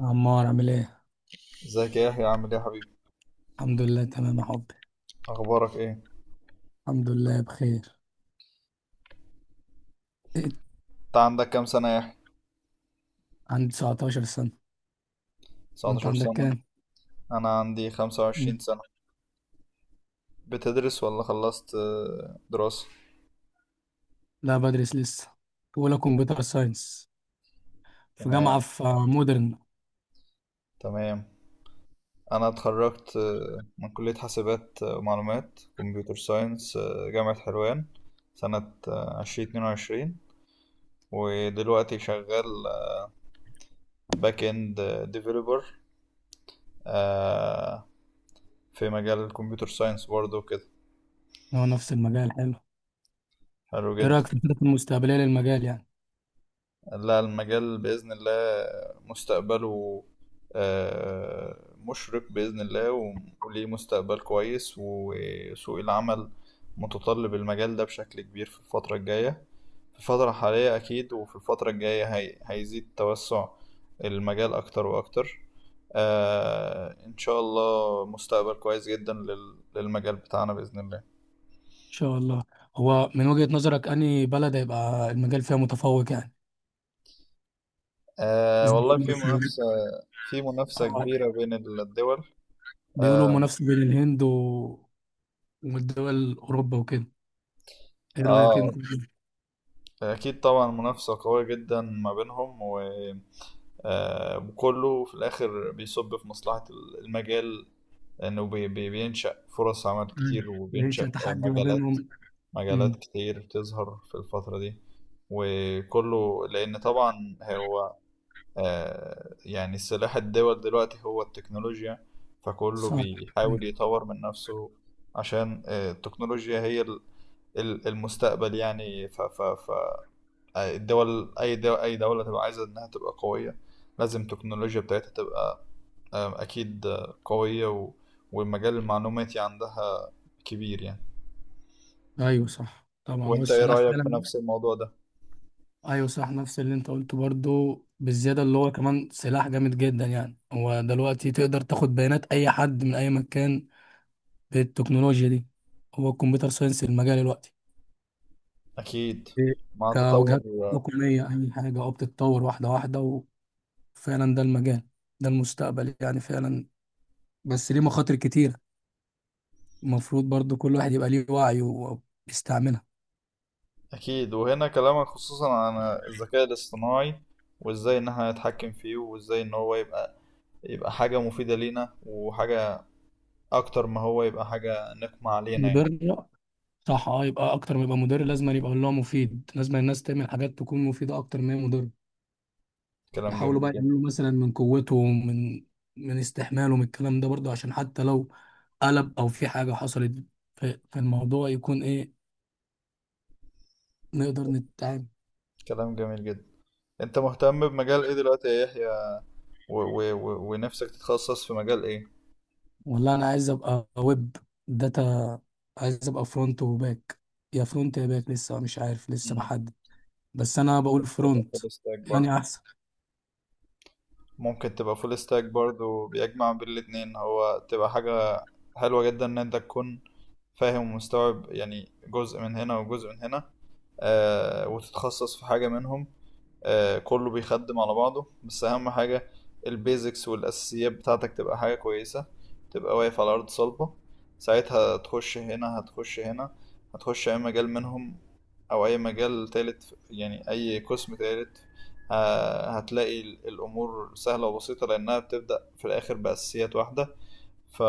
عمار عامل ايه؟ ازيك يا يحيى، عامل ايه يا حبيبي؟ الحمد لله تمام يا حبي. اخبارك ايه؟ الحمد لله بخير. إيه؟ انت عندك كام سنة يا يحيى؟ عندي 19 سنة. وانت 19 عندك سنة. كام؟ انا عندي مم. 25 سنة. بتدرس ولا خلصت دراسة؟ لا بدرس لسه. أولى كمبيوتر ساينس في جامعة تمام. في آه، مودرن. تمام. انا اتخرجت من كلية حاسبات ومعلومات كمبيوتر ساينس، جامعة حلوان سنة 2022. ودلوقتي شغال باك اند ديفيلوبر، آه، في مجال الكمبيوتر ساينس برضه كده. هو نفس المجال حلو. حلو ايه جدا. رأيك في الخطط المستقبلية للمجال يعني؟ ان لا، المجال بإذن الله مستقبله مشرق بإذن الله، وليه مستقبل كويس، وسوق العمل متطلب المجال ده بشكل كبير في الفترة الجاية. في الفترة الحالية أكيد، وفي الفترة الجاية هي هيزيد توسع المجال أكتر وأكتر. آه، إن شاء الله مستقبل كويس جدا للمجال بتاعنا بإذن الله. شاء الله. هو من وجهة نظرك أنهي بلد هيبقى المجال فيها متفوق يعني؟ آه زي والله، في مثلا. منافسة. في منافسة آه، كبيرة بين الدول. بيقولوا آه, منافسة بين الهند والدول أوروبا وكده. ايه رأيك آه انت؟ أكيد طبعا منافسة قوية جدا ما بينهم، وكله في الآخر بيصب في مصلحة المجال. إنه بينشأ فرص عمل مم. كتير، بيعيش وبينشأ تحدي ما مجالات. بينهم. مجالات كتير تظهر في الفترة دي. وكله لأن طبعا هو يعني سلاح الدول دلوقتي هو التكنولوجيا، فكله صح. بيحاول مم. يطور من نفسه. عشان التكنولوجيا هي المستقبل يعني. الدول، اي دوله تبقى عايزه انها تبقى قويه، لازم التكنولوجيا بتاعتها تبقى اكيد قويه، والمجال المعلوماتي عندها كبير يعني. ايوه، صح، طبعا هو وانت ايه السلاح رايك في فعلا. نفس الموضوع ده؟ ايوه، صح، نفس اللي انت قلته برضو بالزياده، اللي هو كمان سلاح جامد جدا يعني، هو دلوقتي تقدر تاخد بيانات اي حد من اي مكان بالتكنولوجيا دي. هو الكمبيوتر ساينس المجال دلوقتي. اكيد. إيه. مع تطور. كوجهات تقنيه، اي حاجه بتتطور واحده واحده. وفعلا ده المجال، ده المستقبل يعني فعلا. بس ليه مخاطر كتيره، المفروض برضو كل واحد يبقى ليه وعي وبيستعملها. اكيد. وهنا كلامك خصوصا عن الذكاء الاصطناعي، وازاي ان احنا نتحكم فيه، وازاي ان هو يبقى حاجه مفيده لينا، وحاجه اكتر ما هو يبقى حاجه نقمه علينا يعني. مضره. صح، اه، يبقى اكتر ما يبقى مدير، لازم أن يبقى اللي هو مفيد. لازم الناس تعمل حاجات تكون مفيدة اكتر ما هي مضرة. كلام يحاولوا جميل بقى جدا. يعملوا مثلا من قوتهم، من استحمالهم الكلام ده برضه، عشان حتى لو قلب او في حاجة حصلت في الموضوع، يكون ايه، نقدر نتعامل. كلام جميل جدا. انت مهتم بمجال ايه دلوقتي يا يحيى، ونفسك تتخصص في مجال ايه؟ والله انا عايز ابقى ويب داتا. عايز ابقى فرونت وباك. يا فرونت يا باك، لسه مش عارف، لسه مم. بحدد. بس انا بقول ممكن تبقى فرونت، فول ستاك برضه. يعني احسن. بيجمع بين الاتنين، هو تبقى حاجة حلوة جدا ان انت تكون فاهم ومستوعب، يعني جزء من هنا وجزء من هنا. آه، وتتخصص في حاجة منهم. كله بيخدم على بعضه، بس اهم حاجة البيزكس والاساسيات بتاعتك تبقى حاجة كويسة، تبقى واقف على ارض صلبة، ساعتها تخش هنا، هتخش هنا، هتخش اي مجال منهم، او اي مجال تالت، يعني اي قسم تالت. هتلاقي الامور سهلة وبسيطة، لانها بتبدأ في الاخر باساسيات واحدة. ف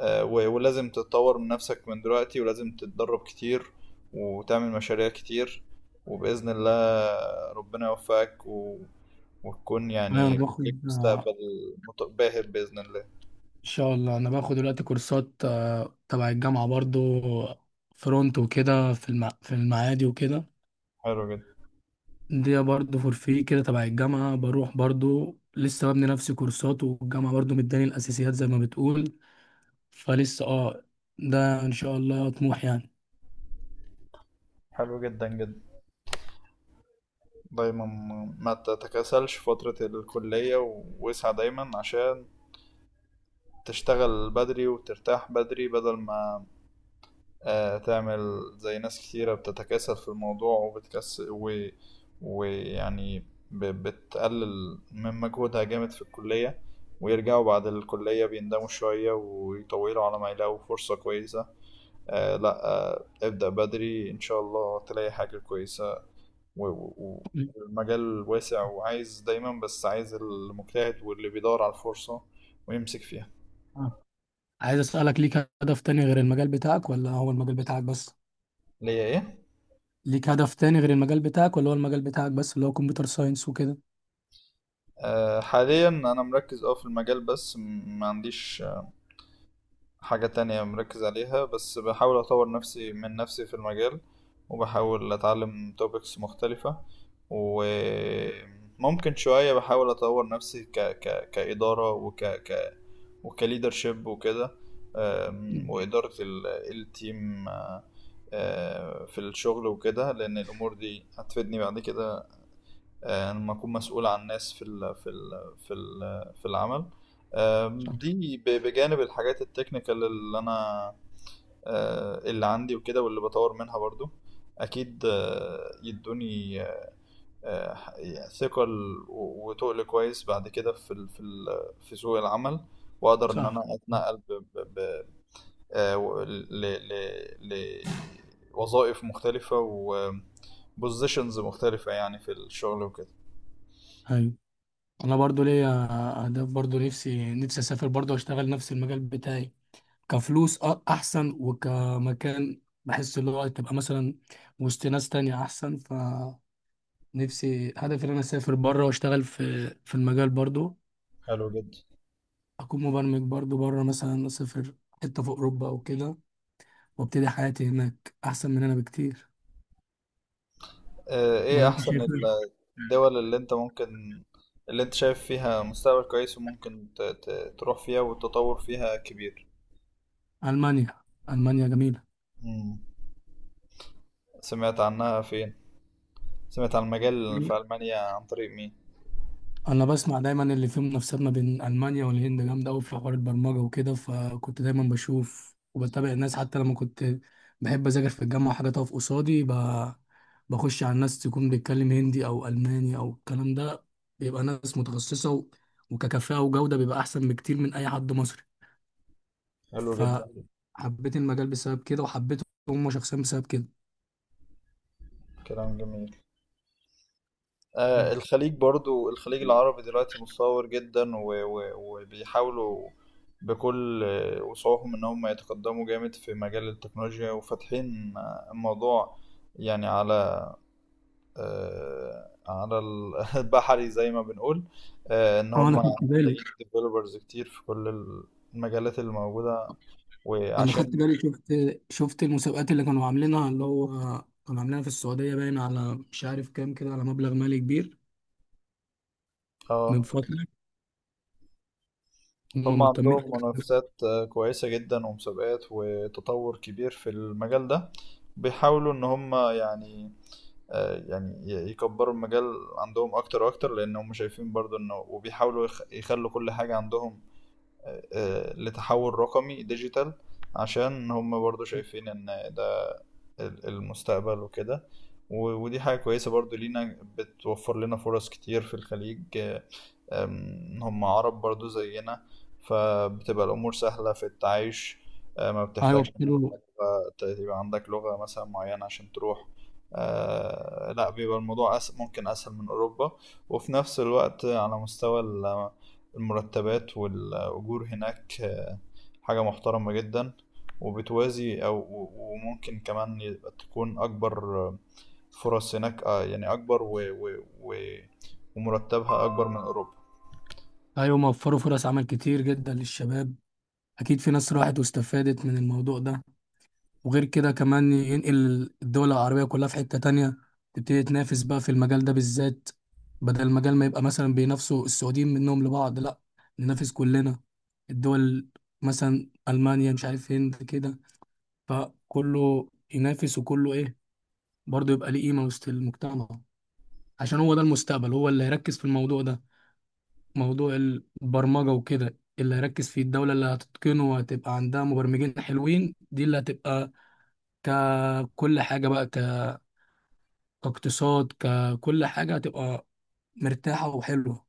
ولازم تتطور من نفسك من دلوقتي، ولازم تتدرب كتير، وتعمل مشاريع كتير، وبإذن الله ربنا يوفقك، وتكون ايوه، انا يعني ليك باخد مستقبل باهر بإذن الله. ان شاء الله. انا باخد دلوقتي كورسات تبع الجامعه برضو، فرونت وكده، في المعادي وكده. حلو جدا. دي برضو فور فري كده، تبع الجامعه، بروح برضو لسه ببني نفسي كورسات، والجامعه برضو مداني الاساسيات زي ما بتقول. فلسه ده ان شاء الله طموح يعني. حلو جدا جدا. دايما ما تتكاسلش في فترة الكلية، واسعى دايما عشان تشتغل بدري وترتاح بدري، بدل ما تعمل زي ناس كتيرة بتتكاسل في الموضوع وبتكسل، ويعني بتقلل من مجهودها جامد في الكلية، ويرجعوا بعد الكلية بيندموا شوية ويطولوا على ما يلاقوا فرصة كويسة. لا، ابدأ بدري إن شاء الله تلاقي حاجة كويسة، و... و... والمجال واسع وعايز دايما، بس عايز المجتهد واللي بيدور على الفرصة ويمسك فيها. آه. عايز اسالك، ليك هدف تاني غير المجال بتاعك ولا هو المجال بتاعك بس؟ ليا ايه؟ ليك هدف تاني غير المجال بتاعك ولا هو المجال بتاعك بس، اللي هو كمبيوتر ساينس وكده؟ حاليا انا مركز في المجال بس، ما عنديش حاجة تانية مركز عليها، بس بحاول أطور نفسي من نفسي في المجال، وبحاول أتعلم topics مختلفة، وممكن شوية بحاول أطور نفسي كإدارة وكليدرشيب وكده. مم. وإدارة التيم. في الشغل وكده، لأن الأمور دي هتفيدني بعد كده. لما أكون مسؤول عن ناس في العمل. صح. دي بجانب الحاجات التكنيكال اللي انا اللي عندي وكده، واللي بطور منها برضو. اكيد يدوني يعني ثقة وتقل كويس بعد كده في سوق العمل، واقدر ان صح. انا اتنقل ب ب ب ل ل لوظائف مختلفة وبوزيشنز مختلفة يعني في الشغل وكده. ايوه. انا برضو ليا اهداف برضو، نفسي، نفسي اسافر برضو اشتغل نفس المجال بتاعي، كفلوس احسن، وكمكان بحس اللي هو تبقى مثلا وسط ناس تانية احسن. فنفسي، هدفي ان انا اسافر بره واشتغل في المجال برضو. حلو جدا. اكون مبرمج برضو بره، مثلا اسافر حتة في اوروبا او كده، وابتدي حياتي هناك احسن من هنا بكتير. ولا ايه انت احسن شايف إيه؟ الدول اللي انت ممكن، اللي انت شايف فيها مستقبل كويس وممكن تروح فيها، والتطور فيها كبير؟ المانيا. المانيا جميلة. مم. سمعت عنها فين؟ سمعت عن المجال في ألمانيا عن طريق مين؟ انا بسمع دايما اللي فيه منافسات ما بين المانيا والهند جامده قوي في حوار البرمجه وكده، فكنت دايما بشوف وبتابع الناس، حتى لما كنت بحب اذاكر في الجامعه حاجه تقف قصادي، بخش على الناس تكون بيتكلم هندي او الماني او الكلام ده، بيبقى ناس متخصصه وككفاءه وجوده بيبقى احسن بكتير من اي حد مصري. حلو جدا. فحبيت المجال بسبب كده، وحبيت هم شخصيا بسبب كده. كلام جميل. آه، الخليج برضو، الخليج العربي دلوقتي متطور جدا، وبيحاولوا بكل وسعهم ان هم يتقدموا جامد في مجال التكنولوجيا، وفاتحين الموضوع يعني على البحري زي ما بنقول. آه، ان اه، هم انا خدت بالي. محتاجين ديفلوبرز كتير في كل المجالات اللي موجودة، انا خدت وعشان بالي شفت شفت المسابقات اللي كانوا عاملينها، اللي هو كانوا عاملينها في السعوديه، باين على مش عارف كام كده، على مبلغ مالي كبير، من اه فتره. هم هم مهتمين. عندهم منافسات كويسة جدا ومسابقات، وتطور كبير في المجال ده. بيحاولوا ان هم يعني يكبروا المجال عندهم اكتر واكتر، لان هم شايفين برضو انه، وبيحاولوا يخلوا كل حاجة عندهم لتحول رقمي ديجيتال، عشان هم برضو شايفين ان ده المستقبل وكده. ودي حاجة كويسة برضو لينا، بتوفر لنا فرص كتير في الخليج. هم عرب برضو زينا، فبتبقى الأمور سهلة في التعايش. ما ايوه، بتحتاجش إن أنت تبقى عندك لغة مثلا معينة عشان تروح. لا، بيبقى الموضوع ممكن أسهل من أوروبا. وفي نفس الوقت على مستوى المرتبات والأجور هناك حاجة محترمة جدا، وبتوازي، أو وممكن كمان يبقى تكون أكبر، فرص هناك يعني أكبر، ومرتبها أكبر من أوروبا. ايوه، موفروا فرص عمل كتير جدا للشباب. اكيد في ناس راحت واستفادت من الموضوع ده. وغير كده كمان ينقل الدول العربيه كلها في حته تانية، تبتدي تنافس بقى في المجال ده بالذات. بدل المجال ما يبقى مثلا بينافسوا السعوديين منهم لبعض، لا، ننافس كلنا الدول، مثلا المانيا، مش عارف، هند كده. فكله ينافس، وكله ايه، برضه يبقى ليه قيمة وسط المجتمع. عشان هو ده المستقبل، هو اللي هيركز في الموضوع ده. موضوع البرمجة وكده، اللي هيركز فيه الدولة اللي هتتقنه وهتبقى عندها مبرمجين حلوين، دي اللي هتبقى ككل حاجة بقى، كاقتصاد، ككل حاجة هتبقى مرتاحة وحلوة.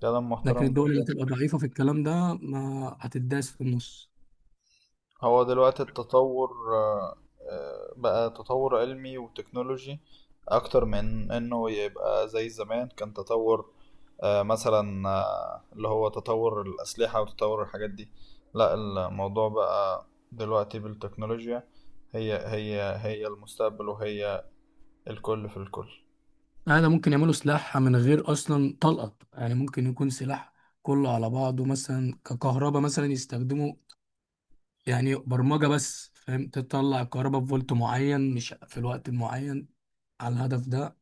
كلام لكن محترم الدول اللي جدا. هتبقى ضعيفة في الكلام ده ما هتداس في النص. هو دلوقتي التطور آه، بقى تطور علمي وتكنولوجي، اكتر من انه يبقى زي زمان، كان تطور مثلا اللي هو تطور الاسلحة وتطور الحاجات دي. لا، الموضوع بقى دلوقتي بالتكنولوجيا. هي المستقبل، وهي الكل في الكل. هذا ممكن يعملوا سلاح من غير اصلا طلقه، يعني ممكن يكون سلاح كله على بعضه، مثلا ككهرباء مثلا يستخدموا، يعني برمجه بس، فاهم، تطلع الكهرباء بفولت معين مش في الوقت المعين على الهدف ده.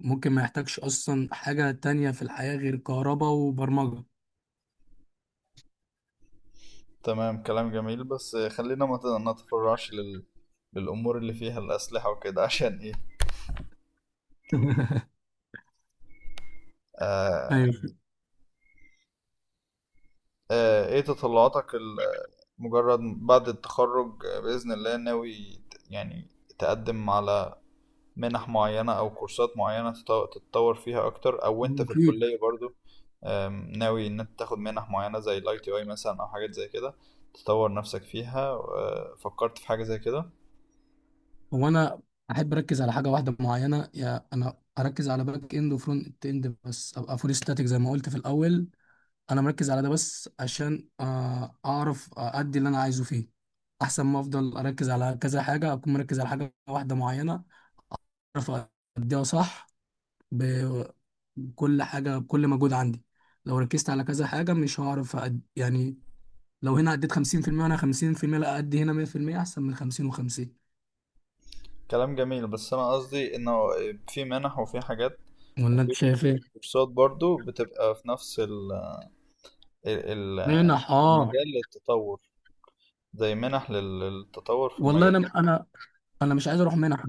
ممكن ما يحتاجش اصلا حاجه تانية في الحياه غير كهرباء وبرمجه. تمام، كلام جميل، بس خلينا ما نتفرعش للأمور اللي فيها الأسلحة وكده عشان إيه. آه ايوه. ايه تطلعاتك مجرد بعد التخرج؟ بإذن الله، ناوي تقدم على منح معينة أو كورسات معينة تتطور فيها أكتر، أو أنت في اكيد. الكلية برضو؟ آم، ناوي إن أنت تاخد منح معينة زي ال ITI مثلا أو حاجات زي كده، تطور نفسك فيها؟ فكرت في حاجة زي كده؟ هو انا احب اركز على حاجه واحده معينه، يا انا اركز على باك اند وفرونت اند بس، ابقى فول ستاتيك زي ما قلت في الاول. انا مركز على ده بس، عشان اعرف ادي اللي انا عايزه فيه. احسن ما افضل اركز على كذا حاجه، اكون مركز على حاجه واحده معينه، اعرف اديها صح، ب- بكل حاجه، بكل مجهود عندي. لو ركزت على كذا حاجه مش هعرف يعني، لو هنا اديت 50% وانا 50%، لا، ادي هنا 100% احسن من 50 و50. كلام جميل، بس أنا قصدي إنه في منح وفي حاجات ولا انت وفي شايف ايه؟ كورسات برضو، بتبقى في نفس ال- ال- منح، اه. المجال للتطور، زي منح للتطور في والله، المجال. انا مش عايز اروح منح.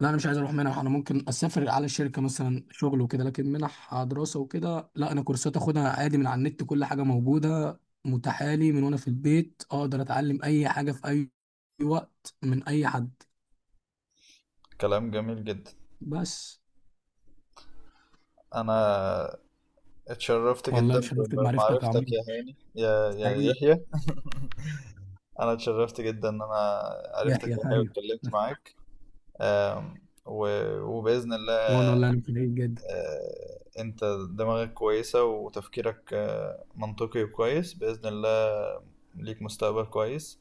لا، انا مش عايز اروح منح. انا ممكن اسافر على الشركه مثلا شغل وكده، لكن منح دراسه وكده لا. انا كورسات اخدها عادي من على النت، كل حاجه موجوده متاحه لي، من وانا في البيت اقدر اتعلم اي حاجه في اي وقت من اي حد. كلام جميل جدا. بس. انا اتشرفت والله جدا اتشرفت بمعرفتك يا بمعرفتك عمرو يا هاني، يا حبيبي. يحيى. انا اتشرفت جدا ان انا عرفتك يحيى، يا هاني، ايوه. واتكلمت معاك. آم، و- وباذن وانا الله والله انا سعيد جدا. انت دماغك كويسة، وتفكيرك منطقي وكويس بإذن الله، ليك مستقبل كويس.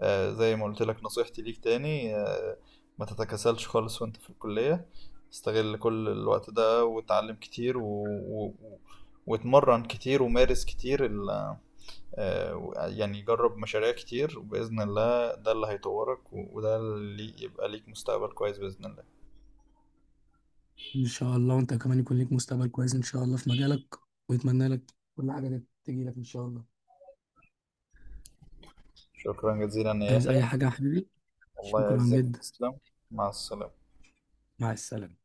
زي ما قلت لك نصيحتي ليك تاني، ما تتكاسلش خالص وانت في الكلية، استغل كل الوقت ده وتعلم كتير، واتمرن كتير، ومارس كتير يعني جرب مشاريع كتير وبإذن الله ده اللي هيطورك، وده اللي يبقى ليك مستقبل كويس بإذن الله. ان شاء الله وانت كمان يكون ليك مستقبل كويس ان شاء الله في مجالك. ويتمنى لك كل حاجه تجي لك ان شاء الله. شكرا جزيلا يا عايز اي يحيى. حاجه يا حبيبي. الله شكرا يعزك، جدا. تسلم. مع السلامة. مع السلامه.